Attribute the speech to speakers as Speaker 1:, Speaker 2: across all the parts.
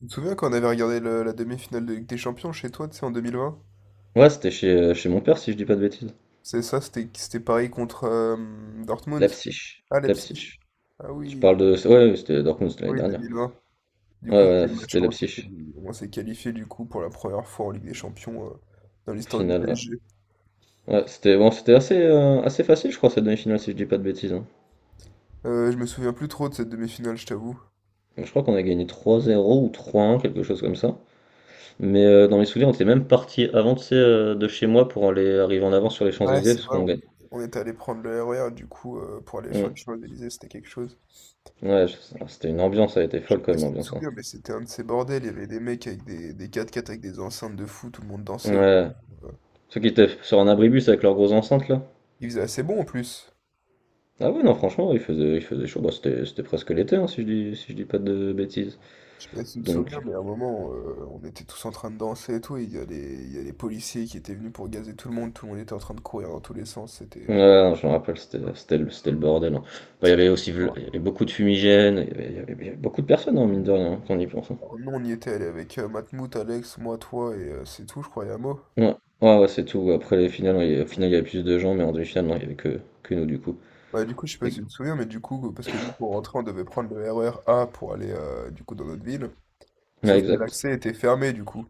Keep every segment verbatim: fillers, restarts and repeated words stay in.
Speaker 1: Je me souviens quand on avait regardé le- la demi-finale de Ligue des Champions chez toi, tu sais, en deux mille vingt?
Speaker 2: Ouais, c'était chez, euh, chez mon père, si je dis pas de bêtises.
Speaker 1: C'est ça, c'était c'était pareil contre euh, Dortmund.
Speaker 2: Leipzig.
Speaker 1: Ah, Leipzig.
Speaker 2: Leipzig.
Speaker 1: Ah
Speaker 2: Tu
Speaker 1: oui,
Speaker 2: parles de. Ouais, ouais, c'était Dortmund, c'était l'année
Speaker 1: oui,
Speaker 2: dernière.
Speaker 1: deux mille vingt. Du
Speaker 2: Ouais,
Speaker 1: coup, c'était
Speaker 2: ouais,
Speaker 1: le match
Speaker 2: c'était
Speaker 1: où on s'est
Speaker 2: Leipzig.
Speaker 1: quali- on s'est qualifié du coup pour la première fois en Ligue des Champions, euh, dans
Speaker 2: Au
Speaker 1: l'histoire du
Speaker 2: final, ouais.
Speaker 1: P S G.
Speaker 2: Ouais, c'était bon, c'était assez, euh, assez facile, je crois, cette demi-finale, si je dis pas de bêtises, hein.
Speaker 1: Euh, je me souviens plus trop de cette demi-finale, je t'avoue.
Speaker 2: Donc, je crois qu'on a gagné trois zéro ou trois un, quelque chose comme ça. Mais euh, dans mes souvenirs, on était même parti avant, tu sais, euh, de chez moi pour aller arriver en avant sur les
Speaker 1: Ouais,
Speaker 2: Champs-Élysées,
Speaker 1: c'est
Speaker 2: parce
Speaker 1: vrai,
Speaker 2: qu'on
Speaker 1: on,
Speaker 2: gagne.
Speaker 1: on était allé prendre le R E R du coup, euh, pour aller sur les
Speaker 2: Mm.
Speaker 1: Champs-Élysées, c'était quelque chose.
Speaker 2: Ouais, je- ah, c'était une ambiance, ça a été
Speaker 1: Je sais
Speaker 2: folle quand
Speaker 1: pas
Speaker 2: même,
Speaker 1: si tu te
Speaker 2: l'ambiance, hein.
Speaker 1: souviens, mais c'était un de ces bordels. Il y avait des mecs avec des, des quatre x avec des enceintes de fou, tout le monde dansait autour.
Speaker 2: Ouais.
Speaker 1: euh,
Speaker 2: Ceux qui étaient sur un abribus avec leurs grosses enceintes, là.
Speaker 1: Il faisait assez bon en plus.
Speaker 2: Ah ouais, non, franchement, il faisait, il faisait chaud. Bah, c'était c'était presque l'été, hein, si je dis, si je dis pas de bêtises.
Speaker 1: Je sais pas si tu te souviens,
Speaker 2: Donc,
Speaker 1: mais à un moment, euh, on était tous en train de danser et tout, et il y a les, il y a les policiers qui étaient venus pour gazer tout le monde, tout le monde était en train de courir dans tous les sens.
Speaker 2: ouais,
Speaker 1: c'était...
Speaker 2: non, je me rappelle, c'était c'était le, c'était le bordel, hein. Bah, il y
Speaker 1: c'était
Speaker 2: avait aussi vl- il y
Speaker 1: adorable.
Speaker 2: avait beaucoup de fumigènes, il y avait, il y avait- il y avait beaucoup de personnes, hein, mine de rien, hein, quand on y pense, hein.
Speaker 1: Alors, nous, on y était allé avec euh, Matmout, Alex, moi, toi, et euh, c'est tout, je crois, Yamo.
Speaker 2: Ouais, ouais, ouais, c'est tout. Après les finales, il y- au final, il y avait plus de gens, mais en demi-finale, non, il y avait que, que nous, du coup.
Speaker 1: Bah du coup, je sais pas si
Speaker 2: Ex-
Speaker 1: tu te souviens, mais du coup, parce que nous, pour rentrer, on devait prendre le R E R A pour aller, euh, du coup, dans notre ville,
Speaker 2: Ouais,
Speaker 1: sauf que
Speaker 2: exact.
Speaker 1: l'accès était fermé, du coup.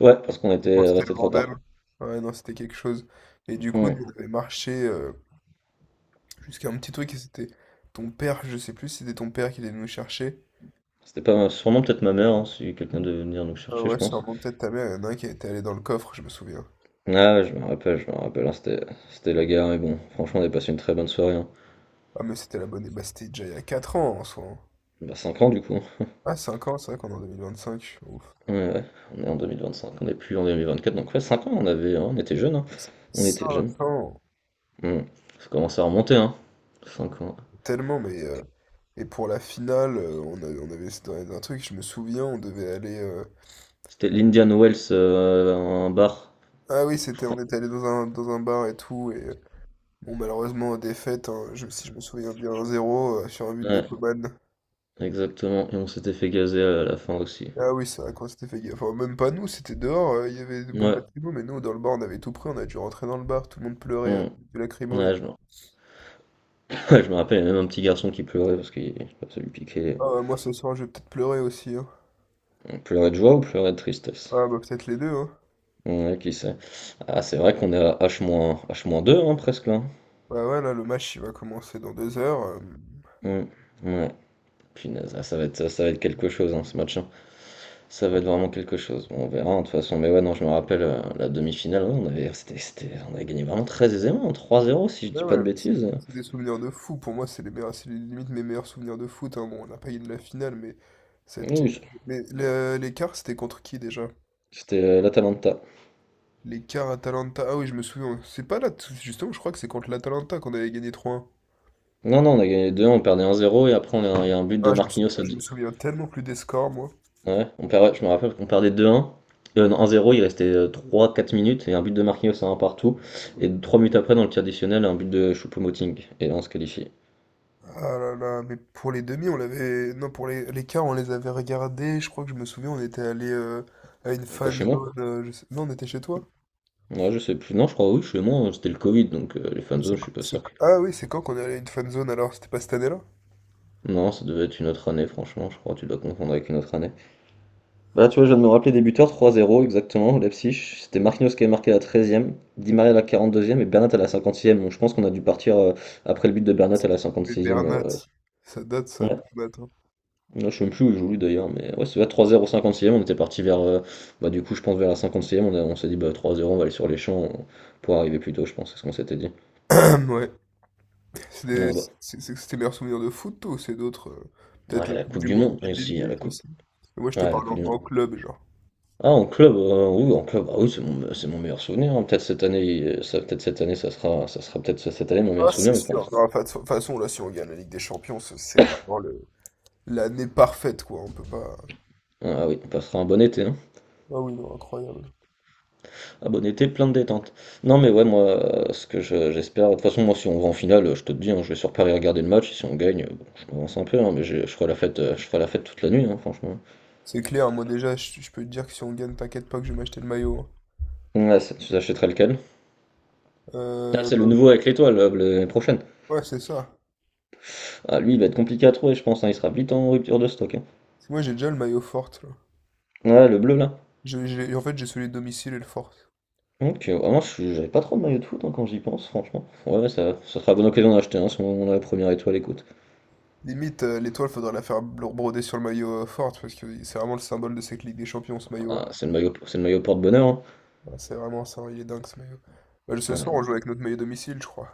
Speaker 2: Ouais, parce qu'on
Speaker 1: Tellement
Speaker 2: était
Speaker 1: c'était le
Speaker 2: resté trop
Speaker 1: bordel.
Speaker 2: tard.
Speaker 1: Ouais, non, c'était quelque chose. Et du coup,
Speaker 2: Hmm.
Speaker 1: nous, on avait marché, euh, jusqu'à un petit truc, et c'était ton père, je sais plus si c'était ton père qui allait nous chercher.
Speaker 2: C'était pas, sûrement peut-être ma mère, hein, si quelqu'un devait venir nous
Speaker 1: Ah
Speaker 2: chercher, je
Speaker 1: ouais,
Speaker 2: pense.
Speaker 1: sûrement peut-être ta mère, il y en a un qui était allé dans le coffre, je me souviens.
Speaker 2: Ah, je me rappelle, je me rappelle, hein, c'était c'était la guerre, mais bon, franchement, on a passé une très bonne soirée, hein.
Speaker 1: Ah mais c'était la bonne, et bah c'était déjà il y a quatre ans en soi, hein.
Speaker 2: Bah cinq ans du coup.
Speaker 1: Ah cinq ans, c'est vrai qu'on est en deux mille vingt-cinq, ouf.
Speaker 2: Ouais, ouais. On est en deux mille vingt cinq, on n'est plus en deux mille vingt quatre, donc ouais, cinq ans on avait, hein, on était jeunes, hein. On était jeunes.
Speaker 1: Cinq ans,
Speaker 2: Hmm. Ça commence à remonter, hein. Cinq ans.
Speaker 1: tellement, mais euh, et pour la finale, euh, on, a- on avait c'était un un truc, je me souviens, on devait aller, euh,
Speaker 2: C'était
Speaker 1: on-
Speaker 2: l'Indian Wells, euh, un bar,
Speaker 1: Ah oui,
Speaker 2: je
Speaker 1: c'était, on
Speaker 2: crois.
Speaker 1: était allé dans un, dans un bar et tout, et euh, bon, malheureusement, défaite, hein. Je, si je me souviens bien, un zéro, euh, sur un but de
Speaker 2: Ouais,
Speaker 1: Coman.
Speaker 2: exactement. Et on s'était fait gazer à la fin aussi.
Speaker 1: Ah oui, c'est vrai qu'on s'était fait gaffe. Enfin, même pas nous, c'était dehors, euh, il y avait des bombes
Speaker 2: Ouais.
Speaker 1: lacrymo, mais nous, dans le bar, on avait tout pris, on a dû rentrer dans le bar, tout le monde pleurait, euh,
Speaker 2: Hmm.
Speaker 1: du lacrymo et
Speaker 2: Ouais,
Speaker 1: tout.
Speaker 2: je me... ouais, je me rappelle, il y avait même un petit garçon qui pleurait parce qu'il ça lui piquait.
Speaker 1: Ah, ouais, moi, ce soir, je vais peut-être pleurer aussi, hein.
Speaker 2: On pleurait de joie ou pleurait de tristesse?
Speaker 1: Ah, bah, peut-être les deux, hein.
Speaker 2: Ouais, qui sait. Ah, c'est vrai qu'on est à H-, h deux, hein, presque là.
Speaker 1: Bah ouais, là, le match, il va commencer dans deux heures. euh.
Speaker 2: Hmm. Ouais. Punaise, ah, ça va être, ça ça va être quelque chose, hein, ce match, hein. Ça va être vraiment quelque chose. Bon, on verra, hein, de toute façon. Mais ouais, non, je me rappelle euh, la demi-finale. Ouais, on avait, c'était, c'était- on avait gagné vraiment très aisément, hein, trois zéro, si je
Speaker 1: Ouais,
Speaker 2: dis pas de
Speaker 1: ouais, mais c'est
Speaker 2: bêtises.
Speaker 1: c'est des souvenirs de fou. Pour moi, c'est les meilleurs, c'est limite mes meilleurs souvenirs de foot, hein. Bon, on n'a pas gagné la finale, mais cette quali-
Speaker 2: Oui,
Speaker 1: Mais le- l'écart, c'était contre qui, déjà?
Speaker 2: c'était euh, l'Atalanta.
Speaker 1: L'écart Atalanta. Ah oui, je me souviens. C'est pas là. Justement, je crois que c'est contre l'Atalanta qu'on avait gagné trois un.
Speaker 2: Non, non, on a gagné deux un, on perdait un zéro. Et après, on a, il y a un but de
Speaker 1: Ah, je me souviens,
Speaker 2: Marquinhos à
Speaker 1: je
Speaker 2: dix-
Speaker 1: me souviens tellement plus des scores, moi.
Speaker 2: Ouais, on perd, ouais, je me rappelle qu'on perdait deux un. Euh, non, un zéro, il restait euh, trois quatre minutes. Et un but de Marquinhos à un partout. Et trois minutes après, dans le tir additionnel, un but de Choupo-Moting. Et là, on se qualifie.
Speaker 1: Ah là là, mais pour les demi, on l'avait. Non, pour les, les quarts, on les avait regardés. Je crois que je me souviens, on était allé euh, à une
Speaker 2: C'est pas
Speaker 1: fan
Speaker 2: chez moi.
Speaker 1: zone. euh, je sais- Non, on était chez toi.
Speaker 2: Ouais, je sais plus. Non, je crois, oui, chez moi, c'était le Covid, donc euh, les
Speaker 1: C'est
Speaker 2: fanzones, je
Speaker 1: quand-
Speaker 2: suis pas
Speaker 1: c'est-
Speaker 2: sûr que-
Speaker 1: Ah oui, c'est quand qu'on est allé à une fan zone alors? C'était pas cette année-là?
Speaker 2: Non, ça devait être une autre année, franchement, je crois, tu dois confondre avec une autre année. Bah, tu vois, je viens de me rappeler débuteur, trois à zéro, exactement, Leipzig. C'était Marquinhos qui avait marqué à la treizième, Di Maria à la quarante deuxième et Bernat à la cinquante-sixième. Donc, je pense qu'on a dû partir euh, après le but de Bernat à la
Speaker 1: On
Speaker 2: cinquante
Speaker 1: avait
Speaker 2: sixième.
Speaker 1: Bernat.
Speaker 2: euh,
Speaker 1: Ça date, ça,
Speaker 2: ouais.
Speaker 1: Bernat,
Speaker 2: Là, je sais même plus où il joue, lui, d'ailleurs, mais ouais, c'était trois zéro, cinquante sixième. On était parti vers, euh, bah, du coup, je pense vers la cinquante sixième. On, a- on s'est dit, bah, trois à zéro, on va aller sur les champs, on- pour arriver plus tôt, je pense, c'est ce qu'on s'était dit.
Speaker 1: hein. Ouais. C'est des-
Speaker 2: Ah, bah.
Speaker 1: c'est- c'est- C'était les meilleurs souvenirs de foot, toi, ou c'est d'autres? euh, Peut-être
Speaker 2: Ouais,
Speaker 1: la
Speaker 2: la
Speaker 1: Coupe
Speaker 2: Coupe
Speaker 1: du
Speaker 2: du
Speaker 1: Monde
Speaker 2: Monde, ici,
Speaker 1: deux mille dix-huit
Speaker 2: la Coupe
Speaker 1: aussi. Et moi, je te
Speaker 2: ouais, la
Speaker 1: parle
Speaker 2: Coupe
Speaker 1: en,
Speaker 2: du Monde.
Speaker 1: en club, genre.
Speaker 2: Ah, en club, euh, oui, en club, ah oui, c'est mon, c'est mon meilleur souvenir, hein. Peut-être cette année, euh, ça, peut-être cette année, ça sera, ça sera peut-être cette année mon meilleur
Speaker 1: Ah,
Speaker 2: souvenir,
Speaker 1: c'est
Speaker 2: mais pour
Speaker 1: sûr.
Speaker 2: l'instant.
Speaker 1: Non, de toute façon, de toute façon, là, si on gagne la Ligue des Champions, c'est c'est vraiment le, l'année parfaite, quoi. On peut pas.
Speaker 2: Ah oui, on passera un bon été, hein.
Speaker 1: Ah oui, non, incroyable.
Speaker 2: Un bon été, plein de détente. Non, mais ouais, moi, euh, ce que je- j'espère, de toute façon, moi, si on va en finale, euh, je te le dis, hein, je vais sur Paris regarder le match. Et si on gagne, euh, bon, je m'avance un peu, hein, mais j'ai- je ferai la fête, euh, je ferai la fête toute la nuit, hein, franchement.
Speaker 1: C'est clair, moi déjà, je, je peux te dire que si on gagne, t'inquiète pas que je vais m'acheter le maillot, hein.
Speaker 2: Ouais, c'est- tu achèterais lequel? Ah,
Speaker 1: Euh,
Speaker 2: c'est le
Speaker 1: bah,
Speaker 2: nouveau avec l'étoile, euh, l'année prochaine.
Speaker 1: ouais, c'est ça. Parce
Speaker 2: Ah, lui, il va être compliqué à trouver, je pense, hein, il sera vite en rupture de stock, hein.
Speaker 1: que moi, j'ai déjà le maillot forte, là.
Speaker 2: Ouais, le bleu là.
Speaker 1: Je- j'ai- en fait, j'ai celui de domicile et le forte.
Speaker 2: Ok, ouais, moi je- j'avais pas trop de maillot de foot, hein, quand j'y pense, franchement. Ouais, ouais, ça, ça sera la bonne occasion d'en acheter un si on a la première étoile, écoute.
Speaker 1: Limite, euh, l'étoile, faudrait la faire bro- broder sur le maillot, euh, forte, parce que c'est vraiment le symbole de cette Ligue des Champions, ce maillot.
Speaker 2: Ah, c'est le maillot, c'est le maillot porte-bonheur, hein.
Speaker 1: Ah, c'est vraiment ça, il est dingue, ce maillot. Bah, ce
Speaker 2: Ah, ouais,
Speaker 1: soir, on
Speaker 2: non.
Speaker 1: joue avec notre maillot domicile, je crois.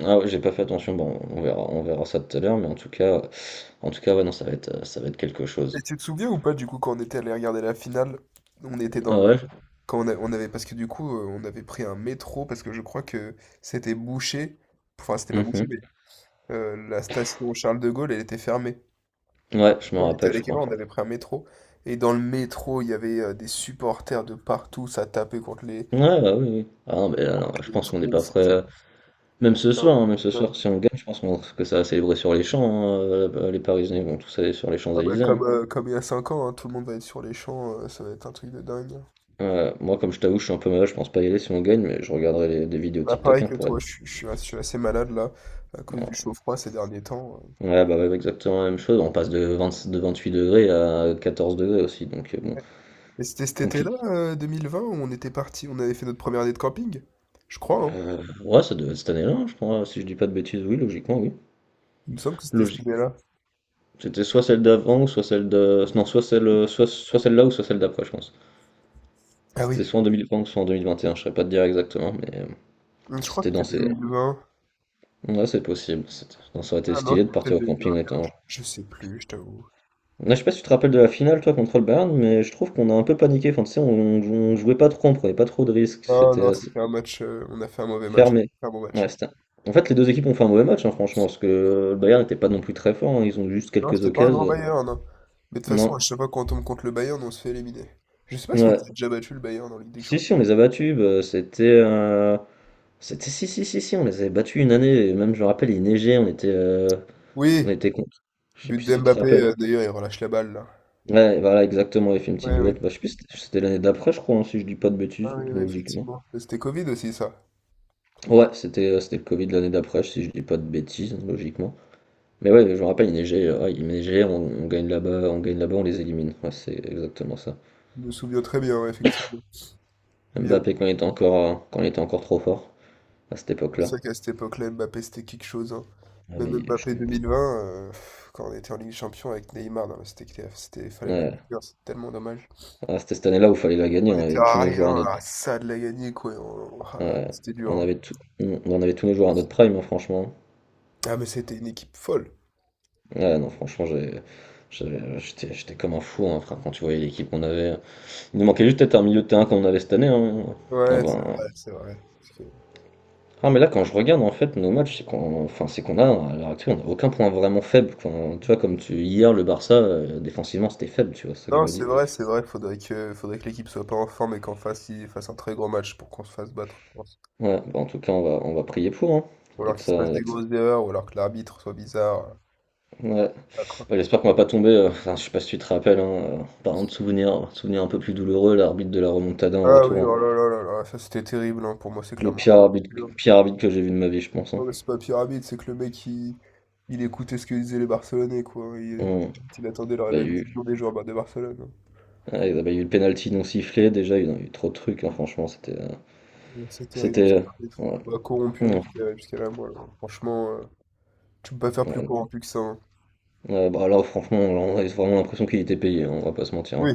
Speaker 2: Ah ouais, j'ai pas fait attention, bon, on verra, on verra ça tout à l'heure, mais en tout cas, en tout cas, ouais, non, ça va être, euh, ça va être quelque
Speaker 1: Et
Speaker 2: chose.
Speaker 1: tu te souviens ou pas, du coup, quand on était allé regarder la finale, on était dans
Speaker 2: Ah
Speaker 1: le,
Speaker 2: ouais,
Speaker 1: Quand on a- on avait, parce que du coup, euh, on avait pris un métro, parce que je crois que c'était bouché. Enfin, c'était pas bouché,
Speaker 2: mhm.
Speaker 1: mais euh, la station Charles de Gaulle, elle était fermée.
Speaker 2: Ouais, je me
Speaker 1: On était
Speaker 2: rappelle, je
Speaker 1: allé quelque
Speaker 2: crois.
Speaker 1: on avait pris un métro. Et dans le métro, il y avait euh, des supporters de partout, ça tapait contre les,
Speaker 2: Ouais, bah oui, oui. Ah non, mais là, non, je
Speaker 1: les
Speaker 2: pense qu'on n'est
Speaker 1: trucs.
Speaker 2: pas prêt,
Speaker 1: C'était
Speaker 2: euh, même ce
Speaker 1: c'était un
Speaker 2: soir, hein,
Speaker 1: truc
Speaker 2: même
Speaker 1: de
Speaker 2: ce
Speaker 1: dingue.
Speaker 2: soir, si on gagne, je pense qu'on- que ça va célébrer sur les champs, hein, euh, les Parisiens vont tous aller sur les
Speaker 1: Ah bah,
Speaker 2: Champs-Élysées, hein.
Speaker 1: comme, euh, comme il y a cinq ans, hein, tout le monde va être sur les champs, euh, ça va être un truc de dingue, hein.
Speaker 2: Ouais, moi, comme je t'avoue, je suis un peu malade, je pense pas y aller si on gagne, mais je regarderai les- des vidéos
Speaker 1: Bah,
Speaker 2: TikTok,
Speaker 1: pareil
Speaker 2: hein,
Speaker 1: que
Speaker 2: pour être.
Speaker 1: toi, je, suis je suis as- je suis assez malade là, à cause du
Speaker 2: Voilà.
Speaker 1: chaud-froid ces derniers temps.
Speaker 2: Ouais, bah ouais, exactement la même chose. On passe de, vingt de vingt-huit degrés à quatorze degrés aussi, donc euh, bon,
Speaker 1: euh. Mais c'était cet
Speaker 2: compliqué.
Speaker 1: été-là, euh, deux mille vingt, où on était parti, on avait fait notre première année de camping? Je crois, hein.
Speaker 2: Euh, ouais, ça devait être cette année-là, hein, je crois, si je dis pas de bêtises, oui, logiquement, oui.
Speaker 1: Il me semble que c'était cette
Speaker 2: Logique.
Speaker 1: année-là.
Speaker 2: C'était soit celle d'avant, ou soit celle de. Non, soit celle, euh, soit, soit celle-là ou soit celle d'après, je pense.
Speaker 1: Ah oui.
Speaker 2: C'était soit en deux mille vingt soit en vingt vingt et un, je saurais pas te dire exactement, mais euh,
Speaker 1: Hum, je crois que
Speaker 2: c'était dans
Speaker 1: c'était
Speaker 2: ces.
Speaker 1: deux mille vingt.
Speaker 2: Ouais, c'est possible. c'était- Ça aurait été
Speaker 1: Ah non,
Speaker 2: stylé de
Speaker 1: c'était
Speaker 2: partir
Speaker 1: peut-être
Speaker 2: au camping en
Speaker 1: deux mille vingt et un.
Speaker 2: étant.
Speaker 1: Je je sais plus, je t'avoue.
Speaker 2: Là, je sais pas si tu te rappelles de la finale, toi, contre le Bayern, mais je trouve qu'on a un peu paniqué. Enfin, tu sais, on, on jouait pas trop, on prenait pas trop de risques.
Speaker 1: Non,
Speaker 2: C'était
Speaker 1: non,
Speaker 2: assez
Speaker 1: c'était un match, euh, on a fait un mauvais match.
Speaker 2: fermé.
Speaker 1: Un bon
Speaker 2: Ouais,
Speaker 1: match.
Speaker 2: c'était- En fait, les deux équipes ont fait un mauvais match, hein, franchement, parce que le Bayern n'était pas non plus très fort, hein. Ils ont juste
Speaker 1: Non,
Speaker 2: quelques
Speaker 1: c'était pas un grand
Speaker 2: occasions.
Speaker 1: Bayern, non. Mais de toute façon, à
Speaker 2: Non.
Speaker 1: chaque fois qu'on tombe contre le Bayern, on se fait éliminer. Je sais pas si on les
Speaker 2: Ouais.
Speaker 1: a déjà battus, le Bayern, en Ligue des
Speaker 2: Si,
Speaker 1: Champions.
Speaker 2: si, on les a battus. Bah, c'était, euh, c'était. Si, si, si, si, on les avait battus une année. Et même, je me rappelle, il neigeait, on était, euh, on
Speaker 1: Oui,
Speaker 2: était contre. Je sais
Speaker 1: but
Speaker 2: plus si
Speaker 1: de
Speaker 2: tu te
Speaker 1: Mbappé,
Speaker 2: rappelles.
Speaker 1: euh, d'ailleurs, il relâche la balle, là.
Speaker 2: Ouais, voilà, exactement. Il fait une
Speaker 1: Oui,
Speaker 2: petite
Speaker 1: oui.
Speaker 2: boulette. Bah, je sais plus, si c'était c'était l'année d'après, je crois, hein, si je dis pas de bêtises,
Speaker 1: Ah oui, oui,
Speaker 2: logiquement.
Speaker 1: effectivement. C'était Covid aussi, ça.
Speaker 2: Ouais, c'était euh, c'était le Covid l'année d'après, si je dis pas de bêtises, logiquement. Mais ouais, je me rappelle, il neigeait, euh, ouais, il neigeait, on, on gagne là-bas, on gagne là-bas, on les élimine. Ouais, c'est exactement ça.
Speaker 1: Je me souviens très bien, ouais, effectivement. Bien.
Speaker 2: Mbappé quand il était encore, euh, quand il était encore trop fort, à cette époque-là.
Speaker 1: C'est vrai qu'à cette époque-là, Mbappé, c'était quelque chose, hein.
Speaker 2: Ah,
Speaker 1: Même
Speaker 2: mais je
Speaker 1: Mbappé
Speaker 2: comprends.
Speaker 1: deux mille vingt, euh, pff, quand on était en Ligue des Champions avec Neymar, non, mais c'était, c'était, c'était- fallait la gagner,
Speaker 2: Ouais.
Speaker 1: hein, c'est tellement dommage.
Speaker 2: Ah, c'était cette année-là où il fallait la gagner,
Speaker 1: On
Speaker 2: on
Speaker 1: était
Speaker 2: avait tous
Speaker 1: à
Speaker 2: nos joueurs à
Speaker 1: rien,
Speaker 2: notre...
Speaker 1: à ça de la gagner, quoi. On- on- ah,
Speaker 2: Ouais,
Speaker 1: c'était dur,
Speaker 2: on
Speaker 1: hein.
Speaker 2: avait tout- on on avait tous nos joueurs à notre prime, hein, franchement.
Speaker 1: Ah, mais c'était une équipe folle.
Speaker 2: Ouais, non, franchement, j'ai... J'avais- J'étais j'étais comme un fou, hein, frère, quand tu voyais l'équipe qu'on avait. Il nous manquait juste peut-être un milieu de terrain qu'on avait cette année, hein. Ah
Speaker 1: Ouais, c'est
Speaker 2: ben,
Speaker 1: vrai, c'est vrai. Parce que-
Speaker 2: non mais là quand je regarde en fait nos matchs, c'est qu'on enfin, c'est qu'on a à l'heure actuelle on a aucun point vraiment faible. Quand, tu vois, comme tu, hier le Barça euh, défensivement c'était faible, tu vois, c'est ça que je
Speaker 1: Non,
Speaker 2: me
Speaker 1: c'est
Speaker 2: dis.
Speaker 1: vrai, c'est vrai. Faudrait que, faudrait que l'équipe soit pas en forme et qu'en face, ils fassent un très gros match pour qu'on se fasse battre, je pense.
Speaker 2: Ouais, bah, en tout cas on va, on va, prier pour, hein,
Speaker 1: Ou
Speaker 2: et
Speaker 1: alors
Speaker 2: que
Speaker 1: qu'il se
Speaker 2: ça,
Speaker 1: passe
Speaker 2: et
Speaker 1: des grosses erreurs, ou alors que l'arbitre soit bizarre.
Speaker 2: que- ouais.
Speaker 1: Ah, quoi.
Speaker 2: Ouais, j'espère qu'on va pas tomber, euh, enfin, je sais pas si tu te rappelles, hein, euh, parlant de souvenirs, souvenirs un peu plus douloureux, l'arbitre de la remontada en
Speaker 1: Ah oui,
Speaker 2: retour, hein.
Speaker 1: oh là là là là, ça c'était terrible, hein. Pour moi, c'est
Speaker 2: Le
Speaker 1: clairement
Speaker 2: pire arbitre,
Speaker 1: corrompu, hein.
Speaker 2: pire arbitre que j'ai vu de ma vie, je pense,
Speaker 1: Non,
Speaker 2: hein.
Speaker 1: mais c'est pas pyramide, c'est que le mec, il, il écoutait ce que disaient les Barcelonais, quoi. Il,
Speaker 2: Hum,
Speaker 1: il attendait la,
Speaker 2: bah, il
Speaker 1: la
Speaker 2: y a eu,
Speaker 1: décision des joueurs bah, de Barcelone, hein.
Speaker 2: ouais, bah, il y a eu le penalty non sifflé, déjà il y a eu, il y a eu trop de trucs, hein, franchement, c'était, euh,
Speaker 1: Donc, c'est terrible.
Speaker 2: c'était, euh,
Speaker 1: c'est-
Speaker 2: ouais.
Speaker 1: Bah, corrompu
Speaker 2: Hum,
Speaker 1: jusqu'à jusqu'à la moelle, hein. Franchement, euh, tu peux pas faire plus
Speaker 2: ouais.
Speaker 1: corrompu que ça, hein.
Speaker 2: Euh, bah là, franchement, là, on avait vraiment l'impression qu'il était payé, hein, on va pas se mentir,
Speaker 1: Oui,
Speaker 2: hein.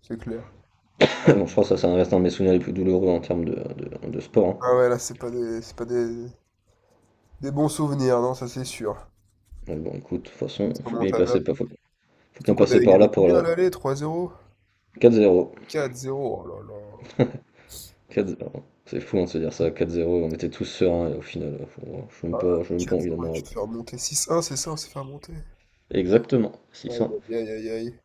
Speaker 1: c'est clair.
Speaker 2: Bon, je crois que ça, ça reste un de mes souvenirs les plus douloureux en termes de, de, de sport, hein.
Speaker 1: Ah ouais, là, c'est pas des, c'est pas des, des bons souvenirs, non, ça c'est sûr.
Speaker 2: Mais bon, écoute, de toute façon,
Speaker 1: Cette
Speaker 2: faut bien y
Speaker 1: remontada.
Speaker 2: passer, par- faut, faut
Speaker 1: Surtout
Speaker 2: bien
Speaker 1: qu'on
Speaker 2: passer
Speaker 1: avait
Speaker 2: par
Speaker 1: gagné
Speaker 2: là pour
Speaker 1: combien à
Speaker 2: la
Speaker 1: l'aller? trois zéro?
Speaker 2: quatre zéro.
Speaker 1: quatre zéro, oh là là.
Speaker 2: quatre zéro. C'est fou, hein, de se dire ça, quatre zéro, on était tous sereins, et au final, euh, faut- euh, je n'ai
Speaker 1: Ah,
Speaker 2: même pas, je même pas envie d'en
Speaker 1: quatre zéro, et tu
Speaker 2: moral.
Speaker 1: te fais remonter. six un, c'est ça, on s'est fait remonter.
Speaker 2: Exactement,
Speaker 1: Aïe,
Speaker 2: six cents.
Speaker 1: aïe, aïe, aïe, aïe.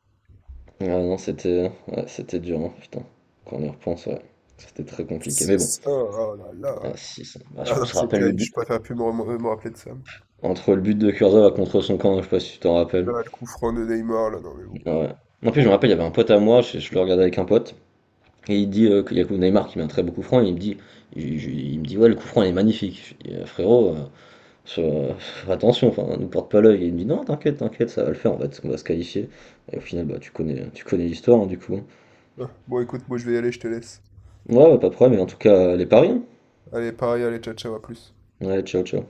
Speaker 2: Ah non, c'était ouais, c'était dur, hein, putain. Quand on y repense, ouais, c'était très compliqué. Mais bon,
Speaker 1: Six un, oh là
Speaker 2: ah,
Speaker 1: là.
Speaker 2: six cents. Ah, je
Speaker 1: Ah non,
Speaker 2: te
Speaker 1: c'est
Speaker 2: rappelle le
Speaker 1: terrible,
Speaker 2: but.
Speaker 1: je préfère plus me, rem- me rappeler de ça.
Speaker 2: Entre le but de Kurzawa contre son camp, je sais pas si tu t'en rappelles.
Speaker 1: Ah, le coup franc de Neymar, là, non mais bon.
Speaker 2: Ouais. En plus,
Speaker 1: Bon,
Speaker 2: je me
Speaker 1: éc-
Speaker 2: rappelle, il y avait un pote à moi, je, je le regardais avec un pote, et il dit euh, qu'il y a Neymar qui met un très beau coup franc, et il me dit, il, je- il me dit, ouais, le coup franc il est magnifique. Je dis, Euh, frérot, euh, sur- euh, attention, enfin, nous porte pas l'œil. Et il me dit, non, t'inquiète, t'inquiète, ça va le faire, on va, te- on va se qualifier. Et au final, bah, tu connais, tu connais l'histoire, hein, du coup.
Speaker 1: ah, bon, écoute, moi je vais y aller, je te laisse.
Speaker 2: Ouais, ouais, pas de problème, mais en tout cas, les paris, hein.
Speaker 1: Allez, pareil, allez, ciao, ciao, à plus.
Speaker 2: Ouais, ciao, ciao.